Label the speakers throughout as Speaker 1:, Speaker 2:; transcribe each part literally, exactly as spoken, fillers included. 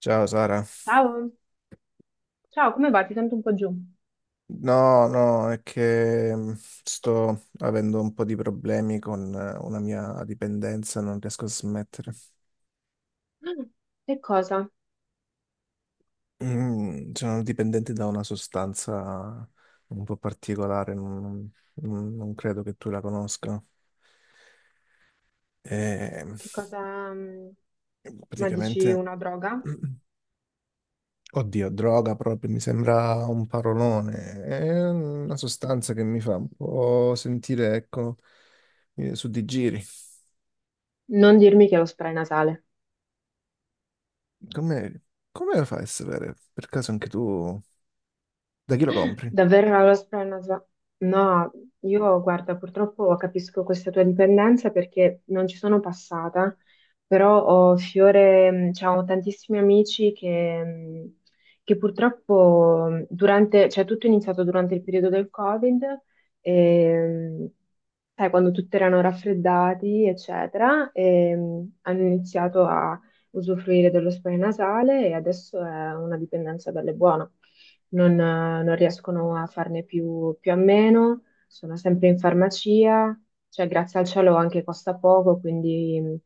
Speaker 1: Ciao Sara,
Speaker 2: Ciao, ciao, come va? Ti sento un po' giù. Mm.
Speaker 1: no, no, è che mh, sto avendo un po' di problemi con eh, una mia dipendenza, non riesco a smettere.
Speaker 2: Che cosa?
Speaker 1: Mm, sono dipendente da una sostanza un po' particolare, non, non- non credo che tu la conosca. E, mh,
Speaker 2: Che cosa? mm, Ma dici
Speaker 1: praticamente,
Speaker 2: una droga?
Speaker 1: oddio, droga proprio, mi sembra un parolone, è una sostanza che mi fa un po' sentire, ecco, eh, su di giri.
Speaker 2: Non dirmi che è lo spray nasale.
Speaker 1: Come, come lo fai a sapere? Per caso anche tu, da chi lo compri?
Speaker 2: Davvero era lo spray nasale? No, io guarda, purtroppo capisco questa tua dipendenza perché non ci sono passata, però ho fiore, mm, cioè, ho tantissimi amici che, mm, che purtroppo mm, durante, cioè tutto è iniziato durante il periodo del Covid. E, mm, sai, quando tutti erano raffreddati, eccetera, e, mh, hanno iniziato a usufruire dello spray nasale e adesso è una dipendenza bella e buona. Non, eh, non riescono a farne più, più a meno, sono sempre in farmacia, cioè grazie al cielo anche costa poco, quindi mh,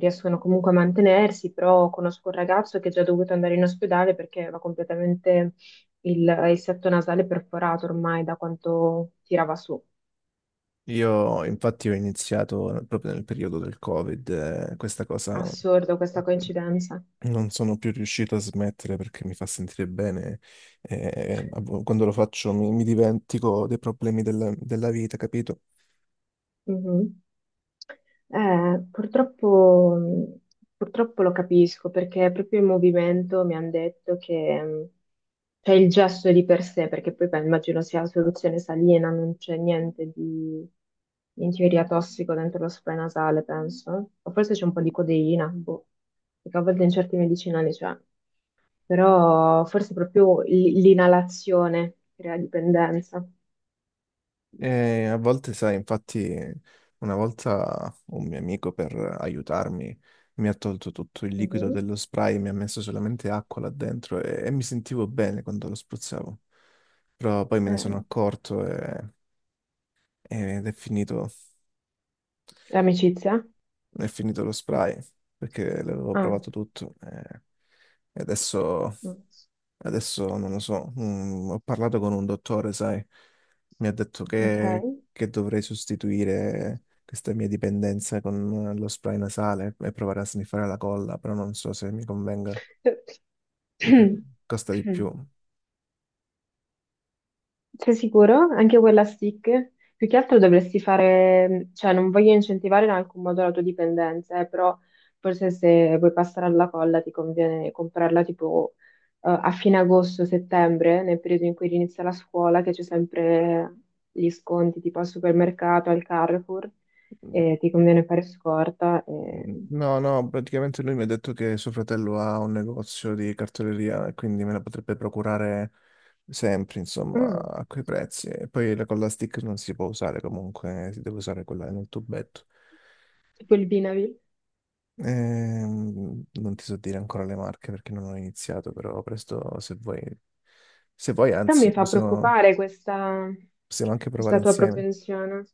Speaker 2: riescono comunque a mantenersi, però conosco un ragazzo che è già dovuto andare in ospedale perché aveva completamente il, il setto nasale perforato ormai da quanto tirava su.
Speaker 1: Io infatti ho iniziato proprio nel periodo del Covid, eh, questa cosa
Speaker 2: Assurdo questa coincidenza.
Speaker 1: non sono più riuscito a smettere perché mi fa sentire bene. Eh, a vo- quando lo faccio mi, mi dimentico dei problemi della, della vita, capito?
Speaker 2: Mhm. Eh, purtroppo, mh, purtroppo lo capisco perché proprio in movimento mi hanno detto che mh, c'è il gesto di per sé, perché poi beh, immagino sia la soluzione salina, non c'è niente di in teoria tossico dentro lo spray nasale, penso. O forse c'è un po' di codeina, boh, perché a volte in certi medicinali c'è, però forse proprio l- l'inalazione crea dipendenza.
Speaker 1: E a volte, sai, infatti, una volta un mio amico per aiutarmi mi ha tolto tutto il liquido dello spray, mi ha messo solamente acqua là dentro e, e mi sentivo bene quando lo spruzzavo. Però poi me ne sono
Speaker 2: Eh,
Speaker 1: accorto e- Ed è finito.
Speaker 2: l'amicizia?
Speaker 1: È finito lo spray perché l'avevo
Speaker 2: Ah,
Speaker 1: provato tutto eh, e adesso,
Speaker 2: mm,
Speaker 1: adesso non lo so. Mm, ho parlato con un dottore, sai, mi ha detto
Speaker 2: ok.
Speaker 1: che, che dovrei sostituire questa mia dipendenza con lo spray nasale e provare a sniffare la colla, però non so se mi convenga perché costa di più.
Speaker 2: Sei sicuro? Anche quella stick? Più che altro dovresti fare, cioè non voglio incentivare in alcun modo la tua dipendenza, eh, però forse se vuoi passare alla colla ti conviene comprarla tipo eh, a fine agosto, settembre, nel periodo in cui inizia la scuola, che c'è sempre gli sconti tipo al supermercato, al Carrefour, e ti conviene fare scorta. E...
Speaker 1: Mm, no, no, praticamente lui mi ha detto che suo fratello ha un negozio di cartoleria e quindi me la potrebbe procurare sempre, insomma,
Speaker 2: Mm.
Speaker 1: a quei prezzi. E poi la colla stick non si può usare comunque, si deve usare quella nel tubetto.
Speaker 2: Tipo il Vinavil.
Speaker 1: Ehm, non ti so dire ancora le marche perché non ho iniziato, però presto se vuoi, se vuoi,
Speaker 2: Però mi
Speaker 1: anzi,
Speaker 2: fa
Speaker 1: possiamo,
Speaker 2: preoccupare questa,
Speaker 1: possiamo anche provare
Speaker 2: questa tua
Speaker 1: insieme.
Speaker 2: propensione.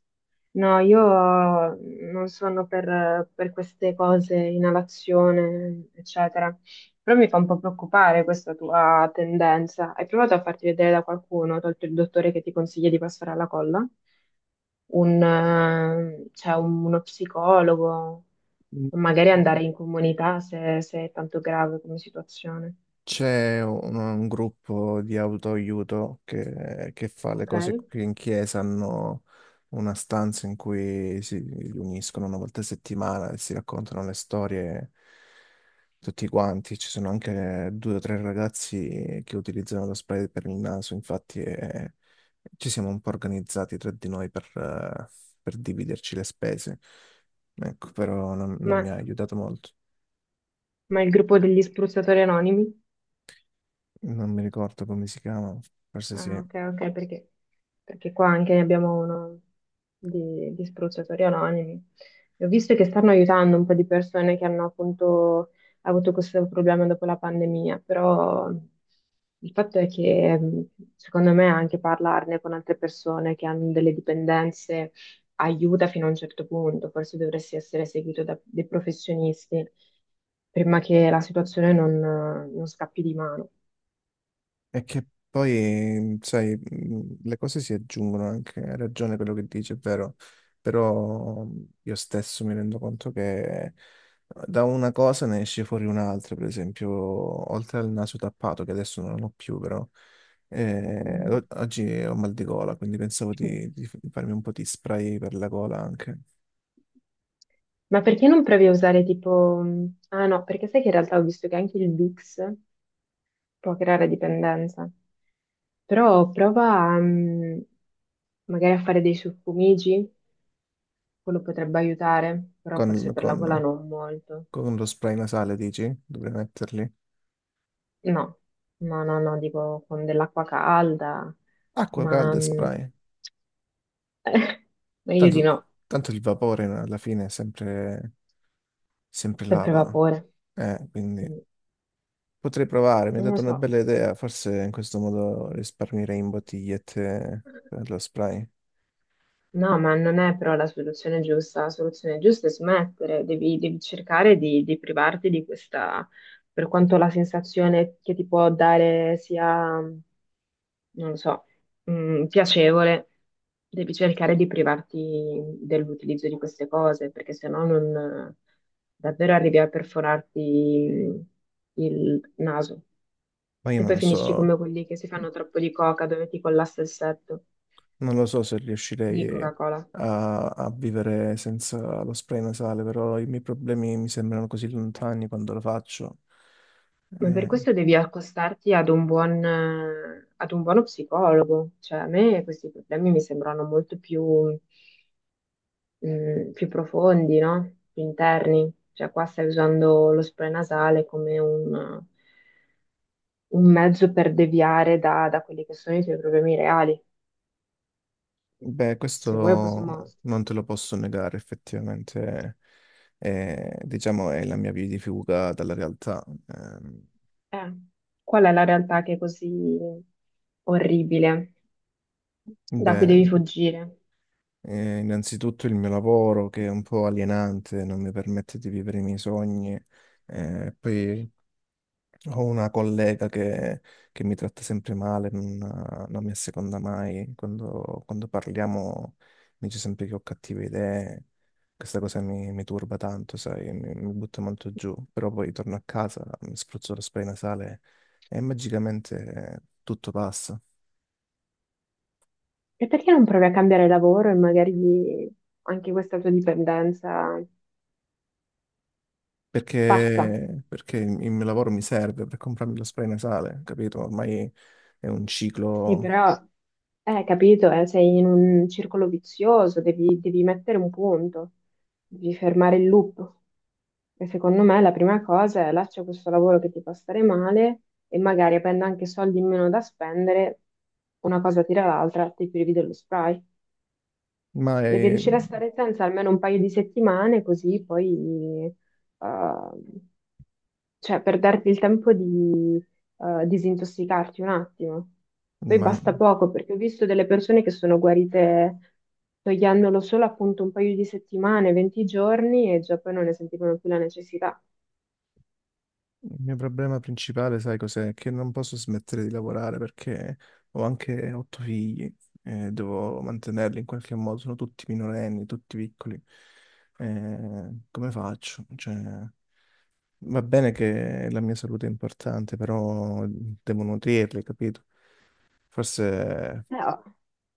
Speaker 2: No, io non sono per, per queste cose, inalazione, eccetera. Però mi fa un po' preoccupare questa tua tendenza. Hai provato a farti vedere da qualcuno, tolto il dottore che ti consiglia di passare alla colla? Un, eh, cioè un- uno psicologo,
Speaker 1: Mm.
Speaker 2: o magari andare in comunità se, se è tanto grave come situazione.
Speaker 1: C'è un, un gruppo di autoaiuto che, che fa le
Speaker 2: Ok?
Speaker 1: cose qui in chiesa, hanno una stanza in cui si riuniscono una volta a settimana e si raccontano le storie tutti quanti. Ci sono anche due o tre ragazzi che utilizzano lo spray per il naso, infatti eh, ci siamo un po' organizzati tra di noi per, eh, per dividerci le spese. Ecco, però non non
Speaker 2: Ma
Speaker 1: mi ha aiutato molto.
Speaker 2: Ma il gruppo degli spruzzatori anonimi?
Speaker 1: Non mi ricordo come si chiama, forse
Speaker 2: Ah,
Speaker 1: sì.
Speaker 2: ok, ok, sì. perché, perché qua anche ne abbiamo uno di, di spruzzatori anonimi. E ho visto che stanno aiutando un po' di persone che hanno appunto avuto questo problema dopo la pandemia, però il fatto è che mh, secondo me anche parlarne con altre persone che hanno delle dipendenze aiuta fino a un certo punto, forse dovresti essere seguito da dei professionisti prima che la situazione non non scappi di mano.
Speaker 1: È che poi, mhmm, sai, mh, le cose si aggiungono anche, hai ragione quello che dici, è vero, però mhmm, io stesso mi rendo conto che uhm, da una cosa ne esce fuori un'altra, per esempio, oltre al naso tappato, che adesso non ho più, però eh, o-
Speaker 2: Mm.
Speaker 1: oggi ho mal di gola, quindi pensavo
Speaker 2: Mm.
Speaker 1: di, di farmi un po' di spray per la gola anche,
Speaker 2: Ma perché non provi a usare tipo... mm, ah no, perché sai che in realtà ho visto che anche il Bix può creare dipendenza. Però prova a, mm, magari a fare dei suffumigi, quello potrebbe aiutare, però forse
Speaker 1: con,
Speaker 2: per la gola
Speaker 1: con-
Speaker 2: non molto.
Speaker 1: con lo spray nasale, dici? Dovrei metterli.
Speaker 2: No, no, no, no, dico con dell'acqua calda,
Speaker 1: Acqua
Speaker 2: ma
Speaker 1: calda e
Speaker 2: mm,
Speaker 1: spray.
Speaker 2: meglio di
Speaker 1: Tanto,
Speaker 2: no,
Speaker 1: tanto il vapore alla fine è sempre, sempre
Speaker 2: sempre
Speaker 1: lava,
Speaker 2: vapore.
Speaker 1: eh, quindi
Speaker 2: Mm,
Speaker 1: potrei provare, mi hai
Speaker 2: Non lo
Speaker 1: dato una
Speaker 2: so.
Speaker 1: bella idea, forse in questo modo risparmierei in bottigliette per lo spray,
Speaker 2: No, ma non è però la soluzione giusta. La soluzione giusta è smettere, devi, devi cercare di, di privarti di questa, per quanto la sensazione che ti può dare sia, non lo so, mh, piacevole, devi cercare di privarti dell'utilizzo di queste cose, perché sennò non davvero arrivi a perforarti il naso.
Speaker 1: ma io
Speaker 2: E poi
Speaker 1: non
Speaker 2: finisci
Speaker 1: so,
Speaker 2: come quelli che si fanno troppo di coca, dove ti collassa il setto
Speaker 1: non lo so se
Speaker 2: di
Speaker 1: riuscirei
Speaker 2: Coca-Cola.
Speaker 1: a, a vivere senza lo spray nasale, però i miei problemi mi sembrano così lontani quando lo faccio.
Speaker 2: Ma per
Speaker 1: Eh,
Speaker 2: questo devi accostarti ad un buon, eh, ad un buono psicologo. Cioè, a me questi problemi mi sembrano molto più, mm, più profondi, no? Più interni. Cioè, qua stai usando lo spray nasale come un, un mezzo per deviare da, da quelli che sono i tuoi problemi reali.
Speaker 1: Beh,
Speaker 2: Se vuoi possiamo...
Speaker 1: questo non te lo posso negare, effettivamente, eh, diciamo, è la mia via di fuga dalla realtà. Ehm,
Speaker 2: Eh, qual è la realtà che è così orribile, da cui
Speaker 1: beh,
Speaker 2: devi fuggire?
Speaker 1: eh, innanzitutto il mio lavoro che è un po' alienante, non mi permette di vivere i miei sogni, eh, poi ho una collega che, che mi tratta sempre male, non, non mi asseconda mai. Quando, quando parliamo mi dice sempre che ho cattive idee. Questa cosa mi, mi turba tanto, sai, mi, mi butta molto giù. Però poi torno a casa, mi spruzzo lo spray nasale e magicamente tutto passa.
Speaker 2: E perché non provi a cambiare lavoro e magari anche questa tua dipendenza passa?
Speaker 1: Perché, perché il il mio lavoro mi serve per comprarmi lo spray nasale, capito? Ormai è un
Speaker 2: Sì,
Speaker 1: ciclo,
Speaker 2: però, eh, capito, eh, sei in un circolo vizioso, devi, devi mettere un punto, devi fermare il loop. E secondo me la prima cosa è lascia questo lavoro che ti fa stare male e magari avendo anche soldi in meno da spendere, una cosa tira l'altra, ti privi dello spray.
Speaker 1: ma
Speaker 2: Devi
Speaker 1: è-
Speaker 2: riuscire a stare senza almeno un paio di settimane, così poi, eh, cioè, per darti il tempo di eh, disintossicarti un attimo. Poi
Speaker 1: ma
Speaker 2: basta poco, perché ho visto delle persone che sono guarite togliendolo solo appunto un paio di settimane, venti giorni, e già poi non ne sentivano più la necessità.
Speaker 1: il mio problema principale, sai cos'è? Che non posso smettere di lavorare perché ho anche otto figli e devo mantenerli in qualche modo. Sono tutti minorenni, tutti piccoli. Eh, come faccio? Cioè, va bene che la mia salute è importante, però devo nutrirli, capito? Forse
Speaker 2: Eh, ho,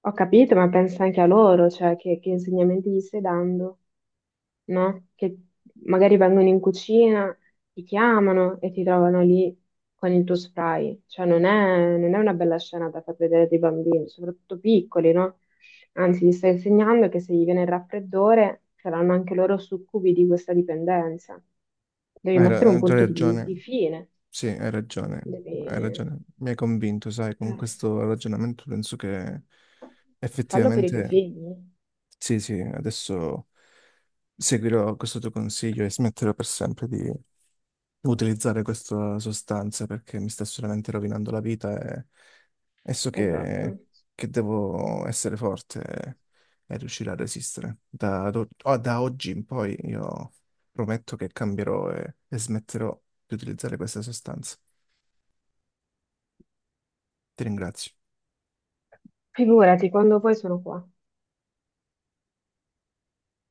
Speaker 2: ho capito, ma pensa anche a loro, cioè che, che insegnamenti gli stai dando. No? Che magari vengono in cucina, ti chiamano e ti trovano lì con il tuo spray. Cioè, non è, non è una bella scena da far vedere dei bambini, soprattutto piccoli, no? Anzi, gli stai insegnando che se gli viene il raffreddore saranno anche loro succubi di questa dipendenza. Devi
Speaker 1: hai
Speaker 2: mettere
Speaker 1: ra-
Speaker 2: un
Speaker 1: hai già
Speaker 2: punto di, di
Speaker 1: ragione.
Speaker 2: fine,
Speaker 1: Sì, hai ragione. Hai
Speaker 2: devi...
Speaker 1: ragione. Mi hai convinto, sai, con
Speaker 2: eh,
Speaker 1: questo ragionamento penso che
Speaker 2: fallo per i tuoi
Speaker 1: effettivamente.
Speaker 2: figli.
Speaker 1: Sì, sì, adesso seguirò questo tuo consiglio e smetterò per sempre di utilizzare questa sostanza perché mi sta solamente rovinando la vita e, e so che,
Speaker 2: Esatto.
Speaker 1: che devo essere forte e, e riuscire a resistere. Da, ad o- o- Da oggi in poi io prometto che cambierò e, e smetterò di utilizzare questa sostanza. Ti ringrazio.
Speaker 2: Figurati, quando poi sono qua.